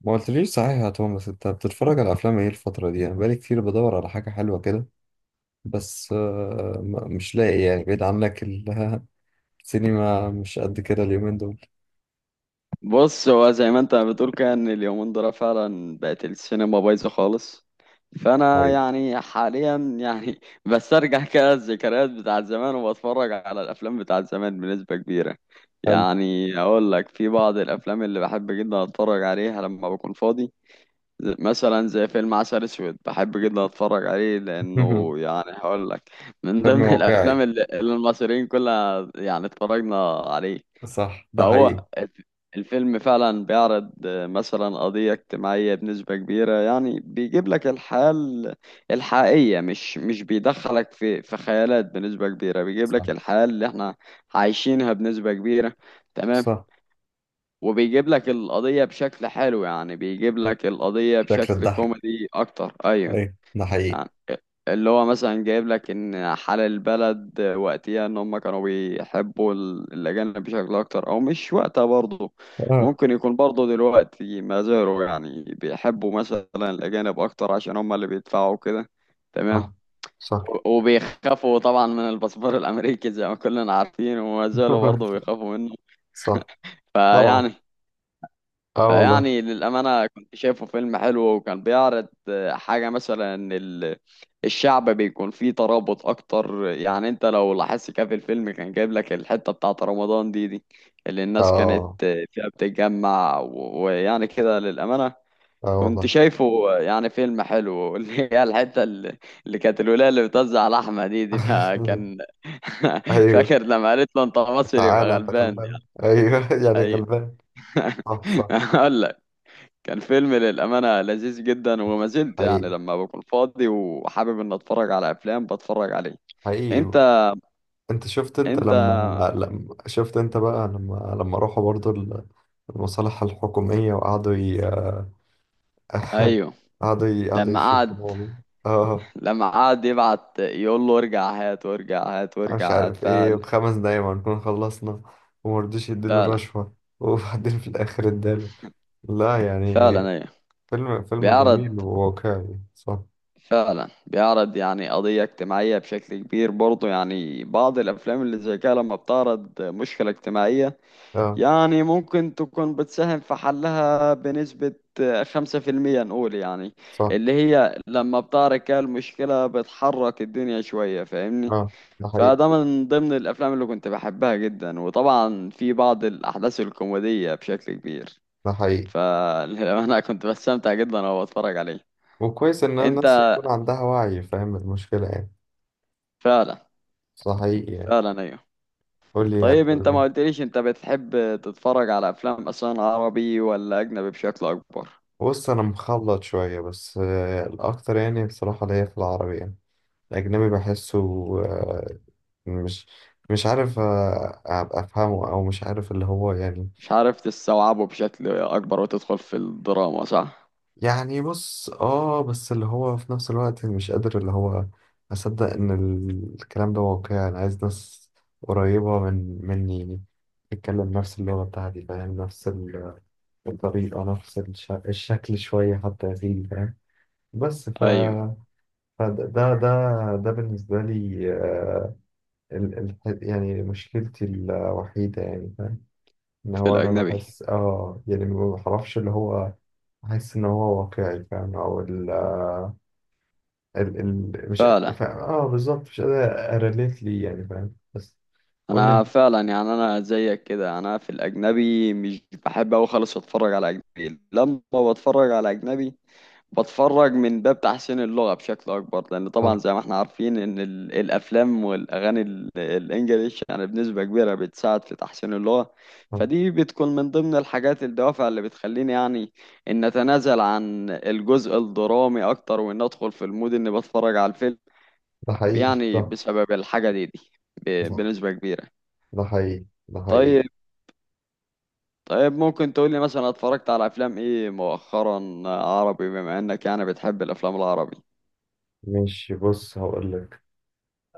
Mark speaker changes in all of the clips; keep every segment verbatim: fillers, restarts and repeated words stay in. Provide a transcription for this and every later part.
Speaker 1: ما قلتليش صحيح يا توماس، انت بتتفرج على افلام ايه الفترة دي؟ انا بقالي كتير بدور على حاجة حلوة كده. بس آه، ما- مش لاقي يعني، بعيد عنك ال- السينما مش قد كده اليومين دول.
Speaker 2: بص، هو زي ما انت بتقول كده ان اليومين دول فعلا بقت السينما بايظه خالص. فانا
Speaker 1: طيب.
Speaker 2: يعني حاليا يعني بسترجع كده الذكريات بتاعت زمان وبتفرج على الافلام بتاعت زمان بنسبه كبيره.
Speaker 1: حلو.
Speaker 2: يعني اقول لك في بعض الافلام اللي بحب جدا اتفرج عليها لما بكون فاضي. ز- مثلا زي فيلم عسل اسود بحب جدا اتفرج عليه لانه يعني هقول لك، من
Speaker 1: فيلم
Speaker 2: ضمن الافلام
Speaker 1: واقعي.
Speaker 2: اللي اللي المصريين كلها يعني اتفرجنا عليه.
Speaker 1: صح، ده حقيقي.
Speaker 2: فهو الف- الفيلم فعلا بيعرض آه، مثلا قضية اجتماعية بنسبة كبيرة. يعني بيجيب لك الحياة ال- الحقيقية، مش مش بيدخلك في في خيالات بنسبة كبيرة، بيجيب
Speaker 1: صح،
Speaker 2: لك الحياة اللي احنا عايشينها بنسبة كبيرة. تمام.
Speaker 1: صح.
Speaker 2: وبيجيب لك القضية بشكل حلو، يعني بيجيب لك القضية
Speaker 1: شكل
Speaker 2: بشكل
Speaker 1: الضحك.
Speaker 2: كوميدي أكتر، أيوه.
Speaker 1: ايوه، ده حقيقي.
Speaker 2: يعني اللي هو مثلا جايب لك ان حال البلد وقتها ان هم كانوا بيحبوا ال- الاجانب بشكل اكتر، او مش وقتها برضه
Speaker 1: اه،
Speaker 2: ممكن يكون برضه دلوقتي ما زالوا يعني بيحبوا مثلا الاجانب اكتر عشان هم اللي بيدفعوا كده. تمام.
Speaker 1: صح، صح.
Speaker 2: و- وبيخافوا طبعا من الباسبور الامريكي زي ما كلنا عارفين، وما زالوا برضه بيخافوا منه.
Speaker 1: صح، طبعا.
Speaker 2: فيعني
Speaker 1: اه والله.
Speaker 2: فيعني للأمانة كنت شايفه فيلم حلو، وكان بيعرض آه، حاجة، مثلا إن ال- الشعب بيكون فيه ترابط أكتر. يعني أنت لو لاحظت كده في الفيلم، كان جايب لك الحتة بتاعة رمضان دي دي اللي الناس كانت
Speaker 1: اه.
Speaker 2: آه، فيها بتتجمع و- ويعني كده للأمانة
Speaker 1: اه
Speaker 2: كنت
Speaker 1: والله.
Speaker 2: شايفه آه، يعني فيلم حلو. اللي هي الحتة اللي اللي كانت الولاية اللي بتوزع لحمة دي دي فكان
Speaker 1: ايوه.
Speaker 2: فاكر لما قالت له أنت مصري يبقى
Speaker 1: تعالى انت
Speaker 2: غلبان،
Speaker 1: غلبان،
Speaker 2: يعني.
Speaker 1: ايوه، يعني
Speaker 2: أيوه.
Speaker 1: غلبان. صح، صح.
Speaker 2: أقول لك كان فيلم للأمانة لذيذ جدا، وما زلت
Speaker 1: حقيقي،
Speaker 2: يعني لما بكون فاضي وحابب إن أتفرج على أفلام بتفرج عليه.
Speaker 1: حقيقي.
Speaker 2: أنت.
Speaker 1: انت شفت، انت
Speaker 2: أنت.
Speaker 1: لما لما شفت، انت بقى لما لما راحوا برضو ال- المصالح الحكومية، وقعدوا ي...
Speaker 2: أيوه.
Speaker 1: قعدوا ي... قعدوا
Speaker 2: لما قعد
Speaker 1: يشوفوا. اه.
Speaker 2: لما قعد يبعت يقول له ارجع هات وارجع هات
Speaker 1: انا مش
Speaker 2: وارجع هات،
Speaker 1: عارف ايه،
Speaker 2: فعلا.
Speaker 1: بخمس دقايق ما نكون خلصنا. ومرضوش يديله
Speaker 2: فعلا.
Speaker 1: رشوة. وبعدين في الاخر اداله. لا يعني،
Speaker 2: فعلا، أيوه.
Speaker 1: فيلم فيلم
Speaker 2: بيعرض،
Speaker 1: جميل وواقعي، صح.
Speaker 2: فعلا بيعرض يعني قضية اجتماعية بشكل كبير برضه. يعني بعض الأفلام اللي زي كده لما بتعرض مشكلة اجتماعية،
Speaker 1: اه،
Speaker 2: يعني ممكن تكون بتساهم في حلها بنسبة خمسة في المية نقول، يعني
Speaker 1: صح.
Speaker 2: اللي هي لما بتعرف كده المشكلة بتحرك الدنيا شوية، فاهمني.
Speaker 1: اه، ده حقيقي،
Speaker 2: فده من ضمن الأفلام اللي كنت بحبها جدا، وطبعا في بعض الأحداث الكوميدية بشكل كبير.
Speaker 1: ده حقيقي.
Speaker 2: فأنا كنت بستمتع جدا وأنا بتفرج عليه.
Speaker 1: وكويس ان الناس
Speaker 2: أنت.
Speaker 1: يكون عندها وعي، فاهم المشكلة يعني.
Speaker 2: فعلا.
Speaker 1: صحيح يعني.
Speaker 2: فعلا، أيوه.
Speaker 1: قول لي،
Speaker 2: طيب أنت
Speaker 1: هتقول لي.
Speaker 2: ما قلتليش أنت بتحب تتفرج على أفلام أصلا عربي ولا أجنبي بشكل أكبر؟
Speaker 1: بص، انا مخلط شويه، بس آه، الاكتر يعني بصراحه اللي هي في العربي يعني. الاجنبي بحسه آه، مش مش عارف آه، ابقى افهمه او مش عارف اللي هو يعني.
Speaker 2: مش عارف تستوعبه بشكل أكبر وتدخل في الدراما صح؟
Speaker 1: يعني بص، اه، بس اللي هو في نفس الوقت مش قادر اللي هو اصدق ان ال- الكلام ده واقعي. انا عايز ناس قريبه من مني يعني، تتكلم نفس اللغه بتاعتي، فاهم نفس ال- الطريقه، نفس الش- الشكل شويه حتى، يا سيدي فاهم. بس ف
Speaker 2: أيوه،
Speaker 1: فده ده ده ده بالنسبة لي آه، ال ال يعني مشكلتي الوحيدة، يعني فاهم إن
Speaker 2: في
Speaker 1: هو أنا
Speaker 2: الأجنبي.
Speaker 1: بحس، آه يعني ما بعرفش اللي هو. بحس إن هو واقعي، فاهم؟ أو ال آه، ال ال مش
Speaker 2: فعلا.
Speaker 1: فاهم، آه بالظبط. مش قادر أريليت ليه، يعني فاهم. بس قول لي
Speaker 2: أنا
Speaker 1: أنت.
Speaker 2: فعلا يعني أنا زيك كده، أنا في الأجنبي مش بحب أوي خالص أتفرج على أجنبي. لما بتفرج على أجنبي، بتفرج من باب تحسين اللغة بشكل أكبر، لأن طبعا
Speaker 1: صح،
Speaker 2: زي ما احنا عارفين إن ال- الأفلام والأغاني ال- الإنجليش يعني بنسبة كبيرة بتساعد في تحسين اللغة.
Speaker 1: صح.
Speaker 2: فدي بتكون من ضمن الحاجات الدوافع اللي بتخليني يعني إن أتنازل عن الجزء الدرامي أكتر، وإن أدخل في المود إني بتفرج على الفيلم،
Speaker 1: ده حقيقي.
Speaker 2: يعني
Speaker 1: صح،
Speaker 2: بسبب الحاجة دي دي، ب-
Speaker 1: صح.
Speaker 2: بنسبة كبيرة.
Speaker 1: ده حقيقي، ده حقيقي.
Speaker 2: طيب. طيب ممكن تقولي مثلا اتفرجت على أفلام إيه مؤخرا عربي، بما إنك يعني بتحب الأفلام العربي؟
Speaker 1: ماشي، بص هقول لك.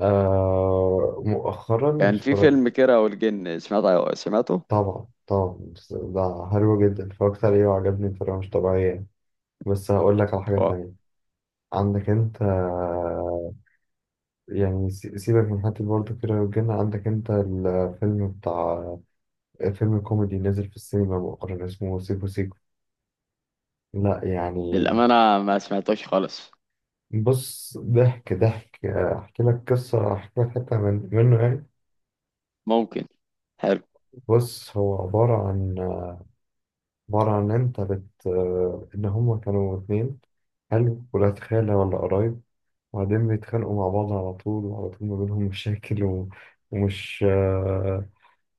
Speaker 1: آه مؤخرا
Speaker 2: كان في
Speaker 1: اتفرج-
Speaker 2: فيلم كيرة والجن، سمعت سمعته؟
Speaker 1: طبعا، طبعا. بس ده حلو جدا، اتفرجت عليه وعجبني بطريقة مش طبيعية يعني. بس هقول لك على حاجة
Speaker 2: هو
Speaker 1: تانية. عندك انت آه، يعني سي- سيبك من حتة برضه كده والجن، عندك انت الفيلم بتاع فيلم كوميدي نزل في السينما مؤخرا، اسمه سيكو سيكو. لا يعني.
Speaker 2: للأمانة ما سمعتوش خالص.
Speaker 1: بص، ضحك ضحك آه، احكي لك قصة، احكي لك حتة من منه يعني.
Speaker 2: ممكن. حلو.
Speaker 1: بص، هو عبارة عن عبارة عن انت بت آه، ان هما كانوا اتنين. حلو. ولاد خالة ولا قرايب. وبعدين بيتخانقوا مع بعض على طول، وعلى طول ما بينهم مشاكل و... ومش آه،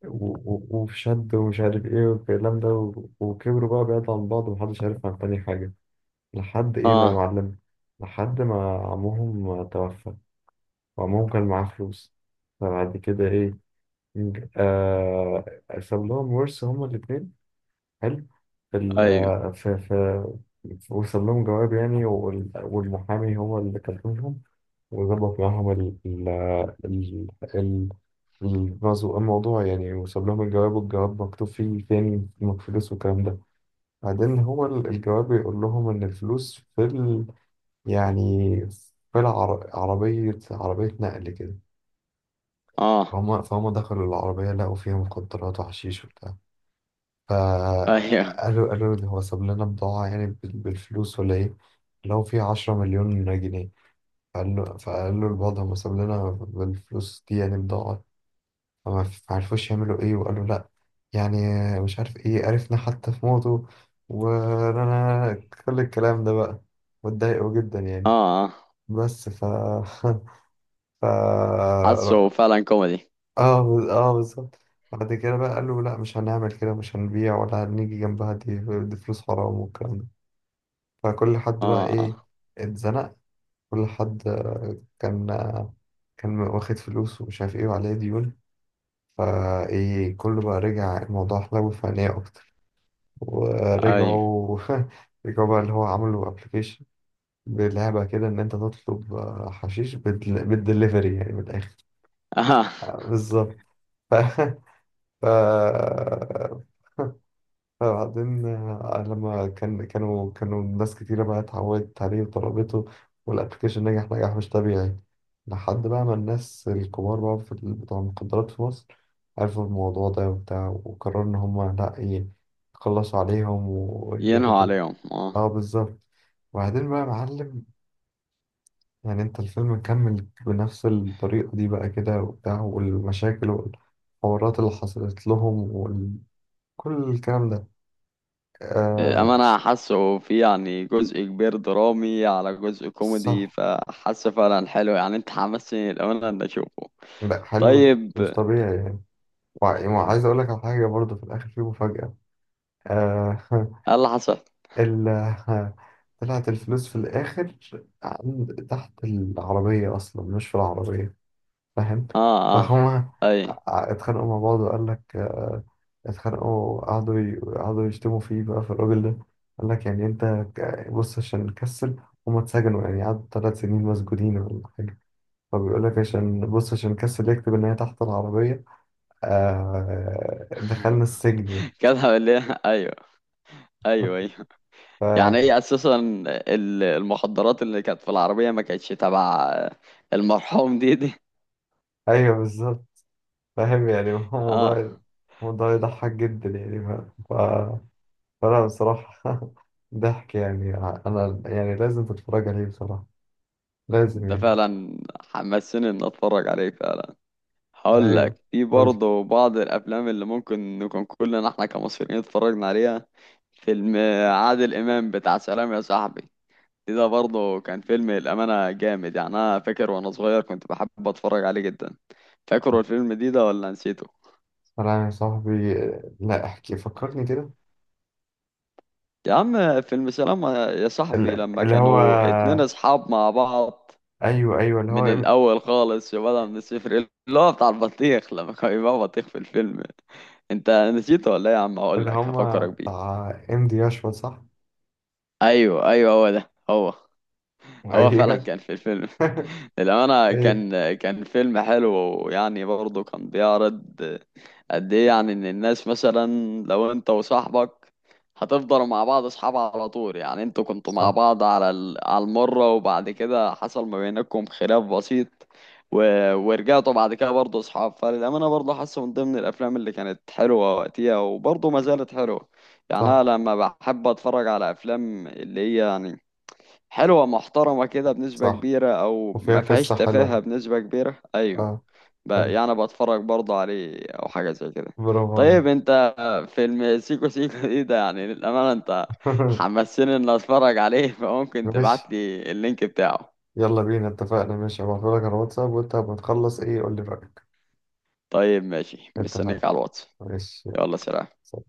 Speaker 1: و... و... وفي شد ومش عارف ايه والكلام ده، و... وكبروا بقى بعيد عن بعض، ومحدش عارف عن تاني حاجة. لحد ايه بقى يا
Speaker 2: اه.
Speaker 1: معلم، لحد ما عمهم توفى. وعمهم كان معاه فلوس. فبعد كده ايه؟ نج- آه... ساب لهم ورث هما الاتنين. حلو. في ال...
Speaker 2: ايوه.
Speaker 1: آه، في في وصل لهم جواب يعني، وال... والمحامي هو اللي كلمهم. وظبط معاهم ال ال ال ال الرزق الموضوع يعني. وساب لهم الجواب، والجواب مكتوب فيه فين الفلوس والكلام ده. بعدين هو ال- الجواب يقول لهم إن الفلوس في ال يعني في العر- عربية، عربية نقل كده.
Speaker 2: اه.
Speaker 1: فهم فهم دخلوا العربية لقوا فيها مخدرات وحشيش وبتاع.
Speaker 2: ايوه.
Speaker 1: فقالوا قالوا ده هو ساب لنا بضاعة يعني، بال- بالفلوس ولا إيه؟ لو في عشرة مليون جنيه. فقال له فقال له الوضع، ما ساب لنا بالفلوس دي، يعني بضاعة. فما عرفوش يعملوا ايه، وقالوا لا يعني، مش عارف ايه، عرفنا حتى في موته، وانا كل الكلام ده بقى. واتضايقوا جدا يعني.
Speaker 2: اه. اه.
Speaker 1: بس ف ف اه،
Speaker 2: حاسه فعلا كوميدي.
Speaker 1: اه بالظبط. بعد كده بقى قالوا لا، مش هنعمل كده، مش هنبيع ولا هنيجي جنبها دي. دي فلوس حرام والكلام ده. فكل حد بقى
Speaker 2: اه.
Speaker 1: ايه؟
Speaker 2: اه.
Speaker 1: اتزنق. كل حد كان كان واخد فلوس ومش عارف ايه وعليه ديون. فايه كله بقى؟ رجع الموضوع حلو فنية أكتر،
Speaker 2: ايوه.
Speaker 1: ورجعوا. رجعوا بقى، اللي هو عملوا ابلكيشن بلعبة كده، ان انت تطلب آه، حشيش بال- بالدليفري يعني من الاخر.
Speaker 2: اه.
Speaker 1: آه، بالظبط. ف... ف... فبعدين آه، لما كان كانوا كانوا ناس كتيرة بقى اتعودت عليه وطلبته. والابلكيشن نجح نجاح مش طبيعي، لحد بقى ما الناس الكبار بقى في ال- بتوع المخدرات في مصر عرفوا الموضوع ده وبتاع، وقرروا إن هما لأ إيه، يخلصوا عليهم
Speaker 2: ينهوا
Speaker 1: وياخدوا.
Speaker 2: عليهم، اه.
Speaker 1: اه بالظبط. وبعدين بقى يا معلم، يعني انت الفيلم مكمل بنفس الطريقة دي بقى كده وبتاع، والمشاكل والحوارات اللي حصلت لهم وكل الكلام ده. آه
Speaker 2: للأمانة حاسه في يعني جزء كبير درامي على جزء كوميدي،
Speaker 1: صح.
Speaker 2: فحاسه فعلا حلو. يعني انت حمسني للأمانة ان اشوفه.
Speaker 1: لا، حلو
Speaker 2: طيب
Speaker 1: مش
Speaker 2: ايه
Speaker 1: طبيعي يعني. وع- وعايز اقول لك على حاجة برضه، في الاخر في مفاجأة. آه
Speaker 2: اللي حصل؟
Speaker 1: ال طلعت الفلوس في الاخر، عند تحت العربية اصلا، مش في العربية، فاهم؟
Speaker 2: اه. اه.
Speaker 1: فهما
Speaker 2: ايوه.
Speaker 1: ع- اتخانقوا مع بعض، وقال لك آه، اتخانقوا، قعدوا ي- قعدوا يشتموا فيه بقى في الراجل ده. قال لك يعني انت ك- بص عشان نكسل، هما اتسجنوا يعني، قعدوا ثلاث سنين مسجونين ولا حاجة. فبيقول لك عشان بص، عشان كسل يكتب ان هي تحت العربية، آه دخلنا السجن يعني.
Speaker 2: كده ليه؟ ايوه. ايوه. ايوه. يعني
Speaker 1: ف...
Speaker 2: هي اساسا ال- المخدرات اللي كانت في العربيه ما كانتش تبع المرحوم دي دي.
Speaker 1: ايوه بالظبط. فاهم يعني. هو
Speaker 2: اه.
Speaker 1: موضوع موضوع يضحك جدا يعني. ف... ف... فلا بصراحة. ضحك يعني. أنا يعني لازم تتفرج عليه بصراحة، لازم
Speaker 2: ده
Speaker 1: يعني.
Speaker 2: فعلا حمسني ان اتفرج عليه فعلا. هقول
Speaker 1: أيوه،
Speaker 2: لك في
Speaker 1: قول لي.
Speaker 2: برضه بعض الافلام اللي ممكن نكون كلنا احنا كمصريين اتفرجنا عليها. فيلم عادل امام بتاع سلام يا صاحبي، دي ده برضه كان فيلم الامانه جامد يعني. انا فاكر وانا صغير كنت بحب اتفرج عليه جدا. فاكر الفيلم دي ده ولا نسيته؟
Speaker 1: سلام يا صاحبي. لا، احكي فكرني كده.
Speaker 2: يا عم فيلم سلام يا صاحبي،
Speaker 1: ال-
Speaker 2: لما
Speaker 1: اللي هو،
Speaker 2: كانوا اتنين اصحاب مع بعض
Speaker 1: أيوه، أيوه، اللي
Speaker 2: من
Speaker 1: هو
Speaker 2: الاول خالص، بدل من الصفر، اللي هو بتاع البطيخ لما كان يبقى بطيخ في الفيلم. انت نسيته ولا ايه يا عم؟ هقول
Speaker 1: اللي
Speaker 2: لك
Speaker 1: هما
Speaker 2: هفكرك بيه.
Speaker 1: بتاع إم دي أشوا، صح؟
Speaker 2: ايوه ايوه، هو ده هو. هو فعلا
Speaker 1: أيوه.
Speaker 2: كان في الفيلم. للأمانة،
Speaker 1: أيوه،
Speaker 2: كان كان فيلم حلو. ويعني برضه كان بيعرض قد ايه يعني ان الناس مثلا، لو انت وصاحبك هتفضلوا مع بعض اصحاب على طول. يعني انتوا كنتوا مع
Speaker 1: صح،
Speaker 2: بعض على ال- على المرة، وبعد كده حصل ما بينكم خلاف بسيط و... ورجعتوا بعد كده برضه اصحاب. فللأمانة برضه حاسه من ضمن الافلام اللي كانت حلوة وقتها، وبرضه ما زالت حلوة. يعني انا
Speaker 1: صح،
Speaker 2: لما بحب اتفرج على افلام اللي هي يعني حلوة محترمة كده بنسبة
Speaker 1: صح.
Speaker 2: كبيرة، او
Speaker 1: وفيها
Speaker 2: ما فيهاش
Speaker 1: قصة
Speaker 2: تفاهة
Speaker 1: حلوة.
Speaker 2: بنسبة كبيرة. ايوه،
Speaker 1: أه.
Speaker 2: بقى
Speaker 1: حلو،
Speaker 2: يعني بتفرج برضه عليه او حاجه زي كده.
Speaker 1: برافو عليك.
Speaker 2: طيب انت. فيلم سيكو سيكو دي ده يعني للامانه انت حمسني ان اتفرج عليه، فممكن تبعت
Speaker 1: ماشي،
Speaker 2: لي اللينك بتاعه؟
Speaker 1: يلا بينا، اتفقنا. ماشي، هبعتلك على الواتساب، وأنت لما تخلص إيه قول لي رأيك.
Speaker 2: طيب ماشي
Speaker 1: اتفقنا،
Speaker 2: مستنيك على الواتس.
Speaker 1: ماشي،
Speaker 2: يلا سلام.
Speaker 1: يلا.